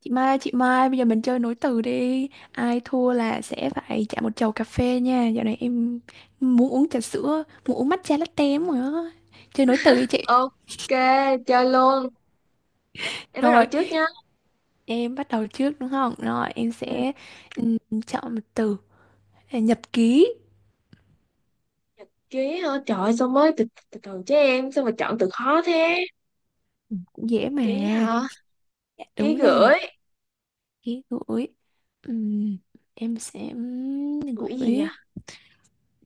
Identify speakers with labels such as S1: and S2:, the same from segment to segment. S1: Chị Mai, bây giờ mình chơi nối từ đi. Ai thua là sẽ phải trả một chầu cà phê nha. Dạo này em muốn uống trà sữa, muốn uống matcha latte lắm rồi đó. Chơi nối từ đi chị.
S2: Ok, chơi luôn. Em bắt đầu
S1: Rồi,
S2: trước nha.
S1: em bắt đầu trước đúng không? Rồi, em
S2: Ừ,
S1: sẽ ừm, chọn một từ. À, Nhật ký,
S2: ký hả? Trời ơi, sao mới từ từ, từ chứ em, sao mà chọn từ khó thế?
S1: cũng dễ mà.
S2: Ký hả?
S1: Dạ,
S2: Ký
S1: đúng rồi,
S2: gửi.
S1: ký gửi. Ừm, em sẽ
S2: Gửi gì nhỉ?
S1: gửi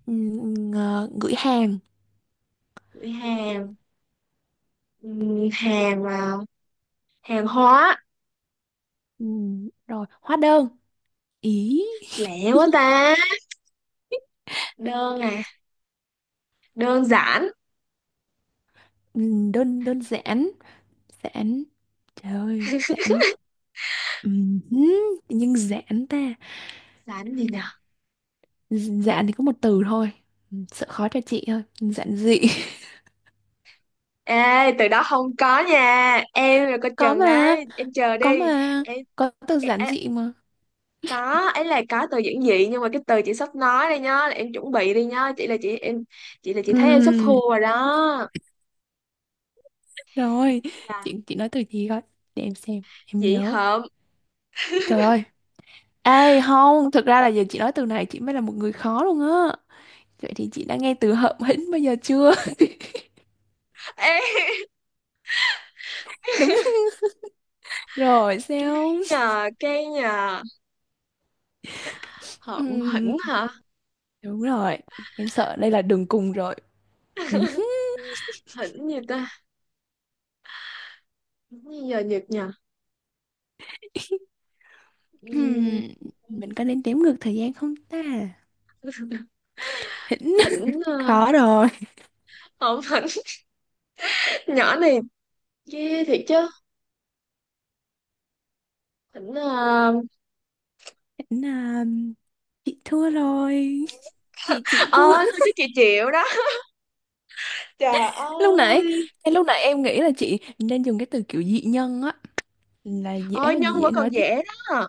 S1: gửi hàng.
S2: Gửi hàng. Ừ, hàng mà hàng hóa.
S1: Rồi, hóa đơn. Ý,
S2: Lẹ quá ta. Đơn à, đơn giản.
S1: đơn đơn giản. Giãn. Trời ơi, giãn. Ừm, Tự nhiên giãn ta.
S2: Giản gì nhỉ?
S1: Giãn thì có một từ thôi. Sợ khó cho chị thôi. Giản dị.
S2: Ê, từ đó không có nha. Em là coi
S1: Có
S2: chừng
S1: mà.
S2: đấy. Em chờ
S1: Có
S2: đi.
S1: mà.
S2: Em,
S1: Có từ
S2: em,
S1: giản dị mà.
S2: có ấy là có từ giản dị nhưng mà cái từ chị sắp nói đây nhá là em chuẩn bị đi nhá, chị là chị thấy em sắp
S1: Ừm,
S2: thua rồi đó.
S1: Rồi.
S2: Dạ.
S1: Chị nói từ gì coi. Để em xem. Em
S2: Chị
S1: nhớ.
S2: hợm.
S1: Trời ơi. Ê, không. Thực ra là giờ chị nói từ này, chị mới là một người khó luôn á. Vậy thì chị đã nghe từ hợm hĩnh bao giờ chưa?
S2: Ê,
S1: Đúng rồi sao.
S2: nhờ cái nhờ, hợm hỉnh
S1: Ừm,
S2: hả?
S1: Đúng rồi. Em sợ đây là đường cùng rồi. Ừ hứ.
S2: Hỉnh gì ta? Hỉnh gì giờ nhật nhờ? Ừm,
S1: Ừm, mình có nên đếm ngược thời gian không ta? Hỉnh
S2: hỉnh
S1: khó rồi.
S2: hợm hỉnh. Nhỏ này ghê thiệt chứ. Hỉnh,
S1: Hỉnh à, chị thua rồi. Chị chịu thua.
S2: ôi thôi chứ chị chịu đó, trời
S1: Lúc nãy,
S2: ơi.
S1: ngay lúc nãy em nghĩ là chị nên dùng cái từ kiểu dị nhân á, là dễ,
S2: Ôi nhân
S1: dễ
S2: vẫn còn
S1: nói tiếp.
S2: dễ đó.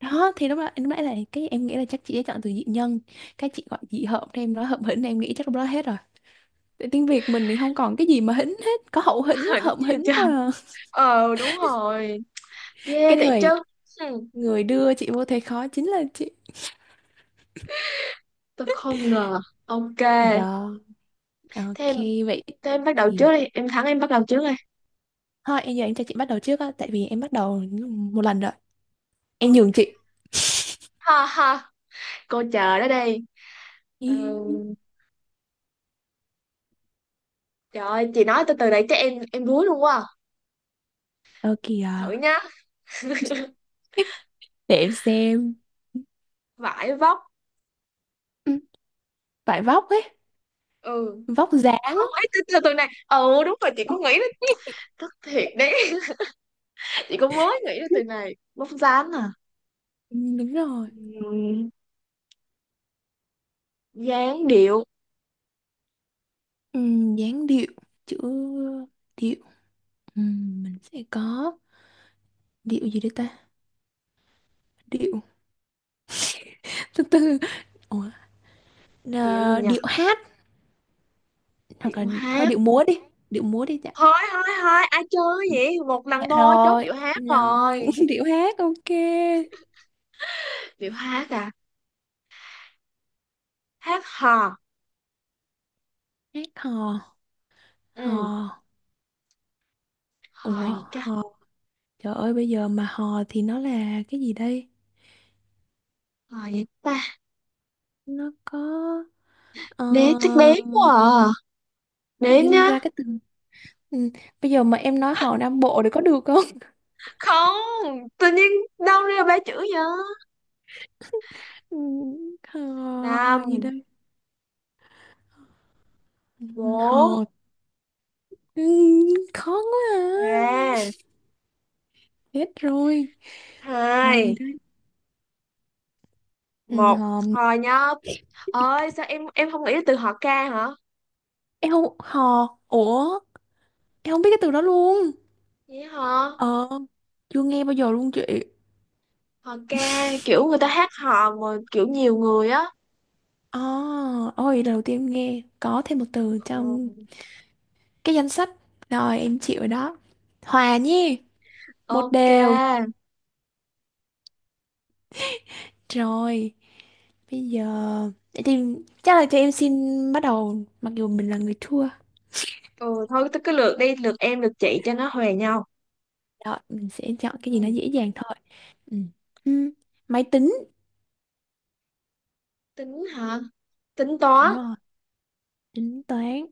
S1: Đó thì lúc đó lúc nãy là cái em nghĩ là chắc chị sẽ chọn từ dị nhân. Cái chị gọi dị hợm thì em nói hợm hỉnh, em nghĩ chắc lúc đó hết rồi. Tại tiếng Việt mình thì không còn cái gì mà hỉnh hết, có hậu hỉnh,
S2: Hỉnh
S1: hợm
S2: gì
S1: hỉnh
S2: trời?
S1: thôi à.
S2: Ờ đúng rồi. Ghê
S1: Cái
S2: thiệt chứ.
S1: người
S2: Hmm.
S1: người đưa chị vô thế khó chính là chị.
S2: Tôi không ngờ. Ok.
S1: Đó.
S2: Thế em,
S1: Ok, vậy
S2: thế em bắt đầu trước
S1: thì
S2: đi. Em thắng em bắt đầu trước đi.
S1: thôi em giờ em cho chị bắt đầu trước á, tại vì em bắt đầu một lần rồi. Em nhường
S2: Ok.
S1: chị.
S2: Ha ha. Cô chờ đó đi.
S1: Ý,
S2: Ừ. Trời ơi chị nói từ từ này chắc em đuối luôn quá à.
S1: ok
S2: Thử
S1: à.
S2: nhá.
S1: Để em xem.
S2: Vải vóc.
S1: Ừ, vải vóc ấy,
S2: Ừ.
S1: vóc dáng.
S2: Không ấy từ từ từ này. Ừ đúng rồi chị cũng nghĩ đến. Thật thiệt đấy. Chị cũng mới nghĩ đến từ này. Vóc dáng à.
S1: Ừ, đúng rồi.
S2: Ừm, dáng điệu.
S1: Ừ, dáng điệu, chữ điệu. Ừ, mình sẽ có điệu gì đây ta? Điệu. Từ từ. Ủa,
S2: Điệu gì
S1: à,
S2: nhỉ?
S1: điệu hát, hoặc
S2: Điệu
S1: là thôi
S2: hát.
S1: điệu múa đi dạ.
S2: Thôi thôi thôi ai chơi
S1: Ừ,
S2: vậy, một
S1: dạ
S2: lần thôi, chốt
S1: rồi,
S2: điệu hát
S1: rồi,
S2: rồi.
S1: điệu hát ok.
S2: Điệu hát à. Hát hò.
S1: Hát hò, hò,
S2: Ừ, hò
S1: ủa
S2: gì ta?
S1: hò, trời ơi bây giờ mà hò thì nó là cái gì đây?
S2: Hò gì ta?
S1: Nó có, ờ,
S2: Đếm chắc đếm quá à.
S1: tự
S2: Đếm
S1: dưng
S2: nhá.
S1: ra cái từ, ừ. Bây giờ mà em nói hò Nam Bộ thì có được không?
S2: Không tự nhiên đâu ra ba chữ vậy.
S1: Ừ, hò, hò gì
S2: Năm,
S1: đây? Ừ, hò,
S2: bốn,
S1: ừ, khó quá à.
S2: ba,
S1: Hết rồi, hò gì
S2: hai,
S1: đây? Ừ,
S2: một.
S1: hò,
S2: Hò nhá. Ơi sao em không nghĩ là từ hò ca hả?
S1: em không, hò, ủa, em không biết cái từ đó luôn.
S2: Vậy hả?
S1: Ờ, chưa nghe bao giờ luôn chị.
S2: Hò ca kiểu người ta hát hò mà kiểu nhiều người á.
S1: Oh, ôi lần đầu tiên em nghe có thêm một từ trong
S2: Ừ,
S1: cái danh sách. Rồi em chịu rồi đó. Hòa nhi, một
S2: ok.
S1: đều. Rồi, bây giờ để tìm chắc là cho em xin bắt đầu mặc dù mình là người thua.
S2: Ừ thôi tôi cứ lượt đi lượt em lượt chị cho nó huề nhau.
S1: Rồi, mình sẽ chọn cái gì nó
S2: Ừ.
S1: dễ dàng thôi. Ừ. Ừ. Máy tính.
S2: Tính hả? Tính toán.
S1: Đúng rồi, tính toán.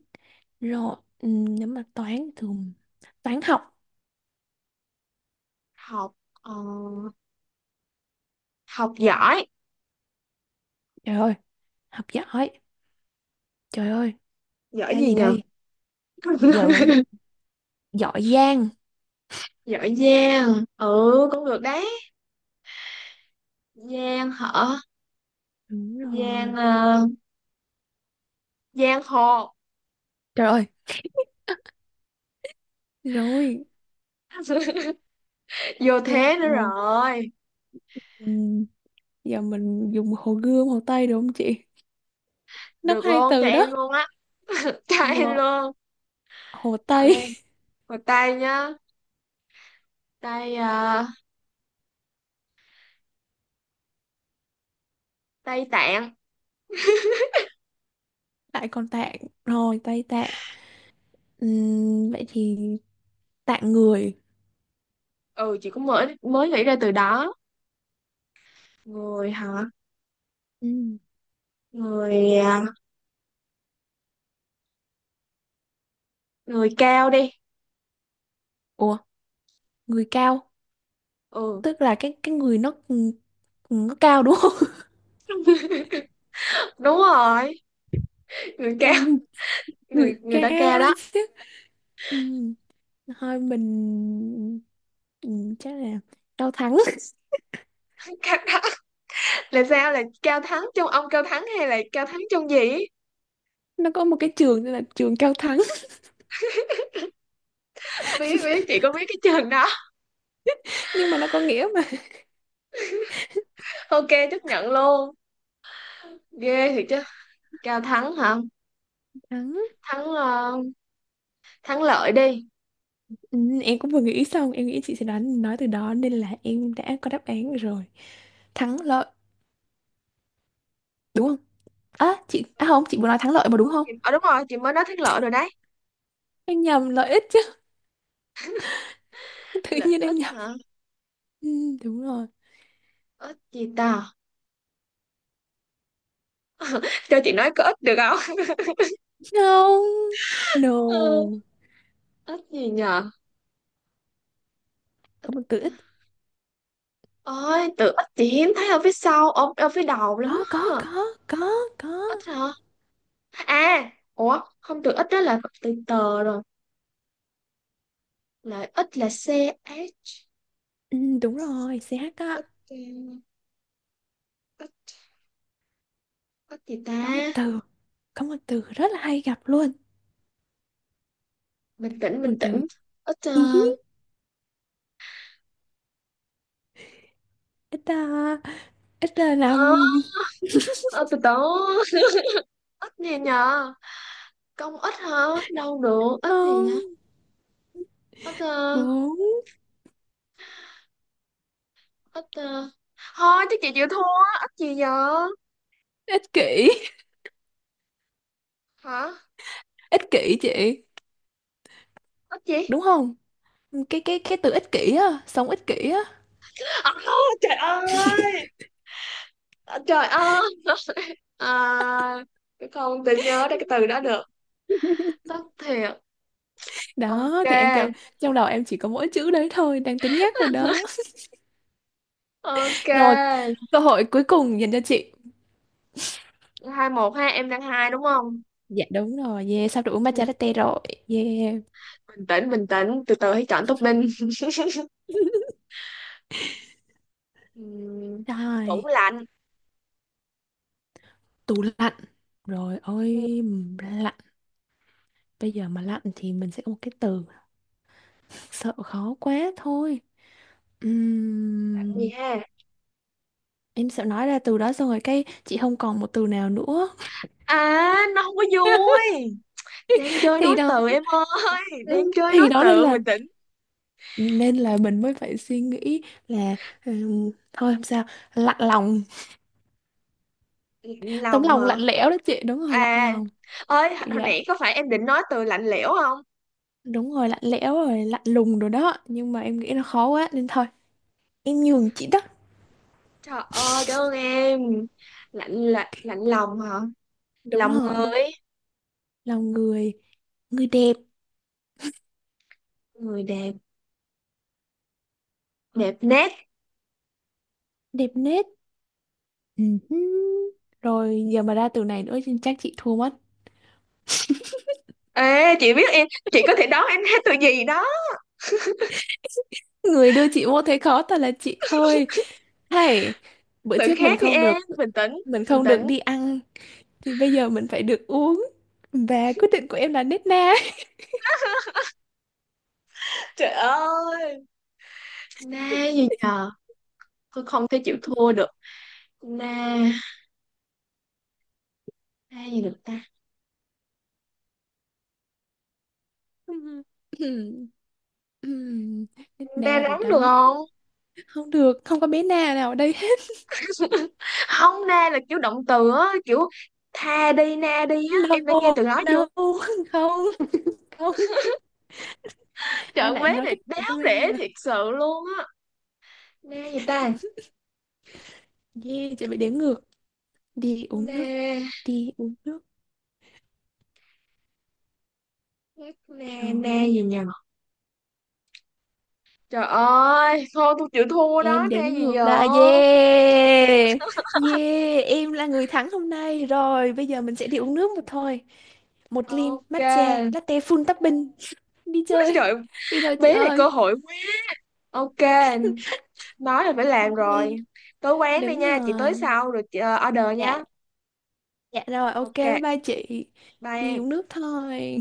S1: Rồi, ừ, nếu mà toán thường, toán học.
S2: Học ờ, học giỏi.
S1: Trời ơi, học giỏi. Trời ơi,
S2: Giỏi
S1: ra
S2: gì
S1: gì
S2: nhờ?
S1: đây? Giờ mà giỏi, giỏi giang.
S2: Giỏi giang. Ừ cũng được đấy. Giang hả?
S1: Đúng
S2: Giang
S1: rồi.
S2: ờ, giang hồ.
S1: Trời ơi, rồi,
S2: Vô
S1: giang
S2: thế nữa
S1: hồ.
S2: rồi.
S1: Ừ, giờ mình dùng hồ Gươm, hồ Tây được không chị? Nó có
S2: Được
S1: hai
S2: luôn cho
S1: từ
S2: em
S1: đó.
S2: luôn á. Cho em
S1: Rồi,
S2: luôn.
S1: hồ
S2: Chọn
S1: Tây,
S2: đi. Một tay nhá. Tay ờ, tay tạng.
S1: lại còn Tạng. Rồi, Tây Tạng. Vậy thì Tạng người.
S2: Ừ chị cũng mới mới nghĩ ra từ đó. Người hả?
S1: Ừm,
S2: Người à, người cao đi.
S1: Ủa, người cao.
S2: Ừ
S1: Tức là cái người nó cao đúng không?
S2: đúng rồi, người cao.
S1: Ừm, Người
S2: Người người đã cao
S1: cao
S2: đó.
S1: đấy chứ. Ừm, Thôi mình chắc là Cao Thắng.
S2: Cao đó là sao, là cao thắng trong ông cao thắng hay là cao thắng trong gì ấy?
S1: Nó có một cái trường tên là trường Cao Thắng.
S2: Biết biết chị có biết cái trường đó.
S1: Nhưng mà nó có nghĩa mà.
S2: Ok, chấp nhận luôn. Ghê thiệt chứ. Cao thắng hả?
S1: Thắng.
S2: Thắng ờ, thắng lợi đi.
S1: Ừ, em cũng vừa nghĩ xong, em nghĩ chị sẽ đoán nói từ đó nên là em đã có đáp án rồi, thắng lợi đúng không? À chị, à không, chị vừa nói thắng lợi mà đúng không?
S2: Ờ đúng rồi chị mới nói thắng lợi rồi đấy.
S1: Em nhầm lợi ích chứ. Tự
S2: Lợi
S1: nhiên em
S2: ích
S1: nhầm.
S2: hả?
S1: Ừ, đúng rồi.
S2: Ích gì ta? Cho chị nói có ích được không?
S1: Không, no,
S2: Ừ, ích gì nhờ?
S1: có một từ ít.
S2: Ích. Ôi tự ích chị hiếm thấy ở phía sau, ở phía đầu lắm
S1: có có
S2: á.
S1: có có
S2: Ít
S1: có.
S2: hả? À, ủa, không từ ít đó là từ tờ rồi. Là ít là C, H.
S1: Ừ, đúng rồi CH á.
S2: Ít, ừ, ít, ít gì ta?
S1: Có một từ, có một từ rất là hay gặp luôn.
S2: Bình tĩnh,
S1: Một
S2: bình
S1: từ.
S2: tĩnh. Ít,
S1: Hí hí. Ít ta. Ít ta, năm,
S2: ờ, ờ, từ từ. Ít gì nhờ? Công ít hả? Đâu được, ít gì nhỉ?
S1: không,
S2: Ít, ờ,
S1: bốn,
S2: ít, ờ. Thôi, chứ chị chịu thua. Ít gì giờ?
S1: ích kỷ,
S2: Hả?
S1: ích kỷ chị,
S2: Ít gì?
S1: đúng không? Cái từ ích kỷ á, sống ích kỷ á.
S2: À, trời ơi! À, trời ơi! À, không tự nhớ ra cái từ đó được. Tất thiệt.
S1: Đó
S2: Ok.
S1: thì em kêu trong đầu em chỉ có mỗi chữ đấy thôi, đang tính nhắc rồi đó.
S2: Ok,
S1: Rồi, cơ hội cuối cùng dành cho chị.
S2: hai một ha, em đang hai đúng không?
S1: Dạ đúng rồi, yeah sắp được uống
S2: Ừ,
S1: matcha latte rồi. Yeah.
S2: bình tĩnh, bình tĩnh, từ từ hãy chọn topping. Ừm, tủ
S1: Rồi,
S2: lạnh.
S1: tủ lạnh, rồi
S2: Ừ,
S1: ôi, lạnh, bây giờ mà lạnh thì mình sẽ có một cái từ, sợ khó quá thôi.
S2: lạnh gì
S1: Ừm,
S2: ha?
S1: em sợ nói ra từ đó xong rồi cái chị không còn một từ nào nữa.
S2: À, nó không có vui. Đang chơi
S1: Thì
S2: nói
S1: đó.
S2: từ em ơi, đang
S1: Ừ,
S2: chơi
S1: thì
S2: nói
S1: đó nên
S2: từ,
S1: là
S2: bình tĩnh.
S1: nên là mình mới phải suy nghĩ là thôi không sao, lạnh lòng,
S2: Lạnh
S1: tấm
S2: lòng
S1: lòng
S2: hả?
S1: lạnh lẽo đó chị, đúng rồi lạnh
S2: À,
S1: lòng
S2: ơi,
S1: kiểu
S2: hồi
S1: vậy.
S2: nãy có phải em định nói từ lạnh lẽo không?
S1: Đúng rồi lạnh lẽo rồi, lạnh lùng rồi đó, nhưng mà em nghĩ nó khó quá nên thôi em nhường chị đó.
S2: Trời ơi, cảm ơn em. Lạnh lạnh lạnh lòng hả?
S1: Đúng
S2: Lòng
S1: rồi,
S2: người.
S1: lòng người, người đẹp,
S2: Người đẹp. Đẹp nét.
S1: đẹp nết. Ừ hứ. Rồi giờ mà ra từ này nữa thì chắc chị thua mất.
S2: Ê, chị biết em, chị có thể đoán em hát từ gì đó.
S1: Người đưa chị vô thế khó thật là chị thôi. Hay bữa
S2: Từ
S1: trước mình
S2: khác đi
S1: không
S2: em,
S1: được,
S2: bình tĩnh,
S1: mình
S2: bình
S1: không được
S2: tĩnh.
S1: đi ăn thì bây giờ mình phải được uống, và quyết định của em là nết na.
S2: Trời ơi, na gì nhờ, tôi không thể chịu thua được. Na, na gì được ta?
S1: Ừm, Nết
S2: Na
S1: na rồi
S2: nóng được
S1: đó.
S2: không?
S1: Không được, không có bé na nào ở đây hết.
S2: Không, na là kiểu động từ á, kiểu tha đi, na đi á.
S1: No,
S2: Em đã nghe từ đó chưa?
S1: no, không, không, ai
S2: Trận
S1: lại
S2: vế
S1: nói
S2: này
S1: cái từ
S2: đáo
S1: đó bây
S2: để
S1: giờ.
S2: thiệt sự luôn á. Na gì ta?
S1: Yeah chị bị đếm ngược, đi uống
S2: Na,
S1: nước, đi uống nước
S2: na, na
S1: rồi.
S2: gì nhờ? Trời ơi, thôi tôi chịu thua đó,
S1: Em
S2: na
S1: đếm
S2: gì
S1: ngược
S2: giờ?
S1: đã. Yeah, yeah em là người thắng hôm nay rồi, bây giờ mình sẽ đi uống nước một thôi, một ly
S2: Ok.
S1: matcha latte full topping, đi chơi
S2: Trời,
S1: đi thôi chị
S2: bé này cơ
S1: ơi.
S2: hội quý. Ok, nói là phải làm rồi. Tới quán đi
S1: Đúng
S2: nha, chị tới
S1: rồi,
S2: sau rồi chị order
S1: dạ,
S2: nha.
S1: dạ rồi, ok
S2: Ok,
S1: bye bye chị.
S2: bye
S1: Đi
S2: em.
S1: uống nước thôi.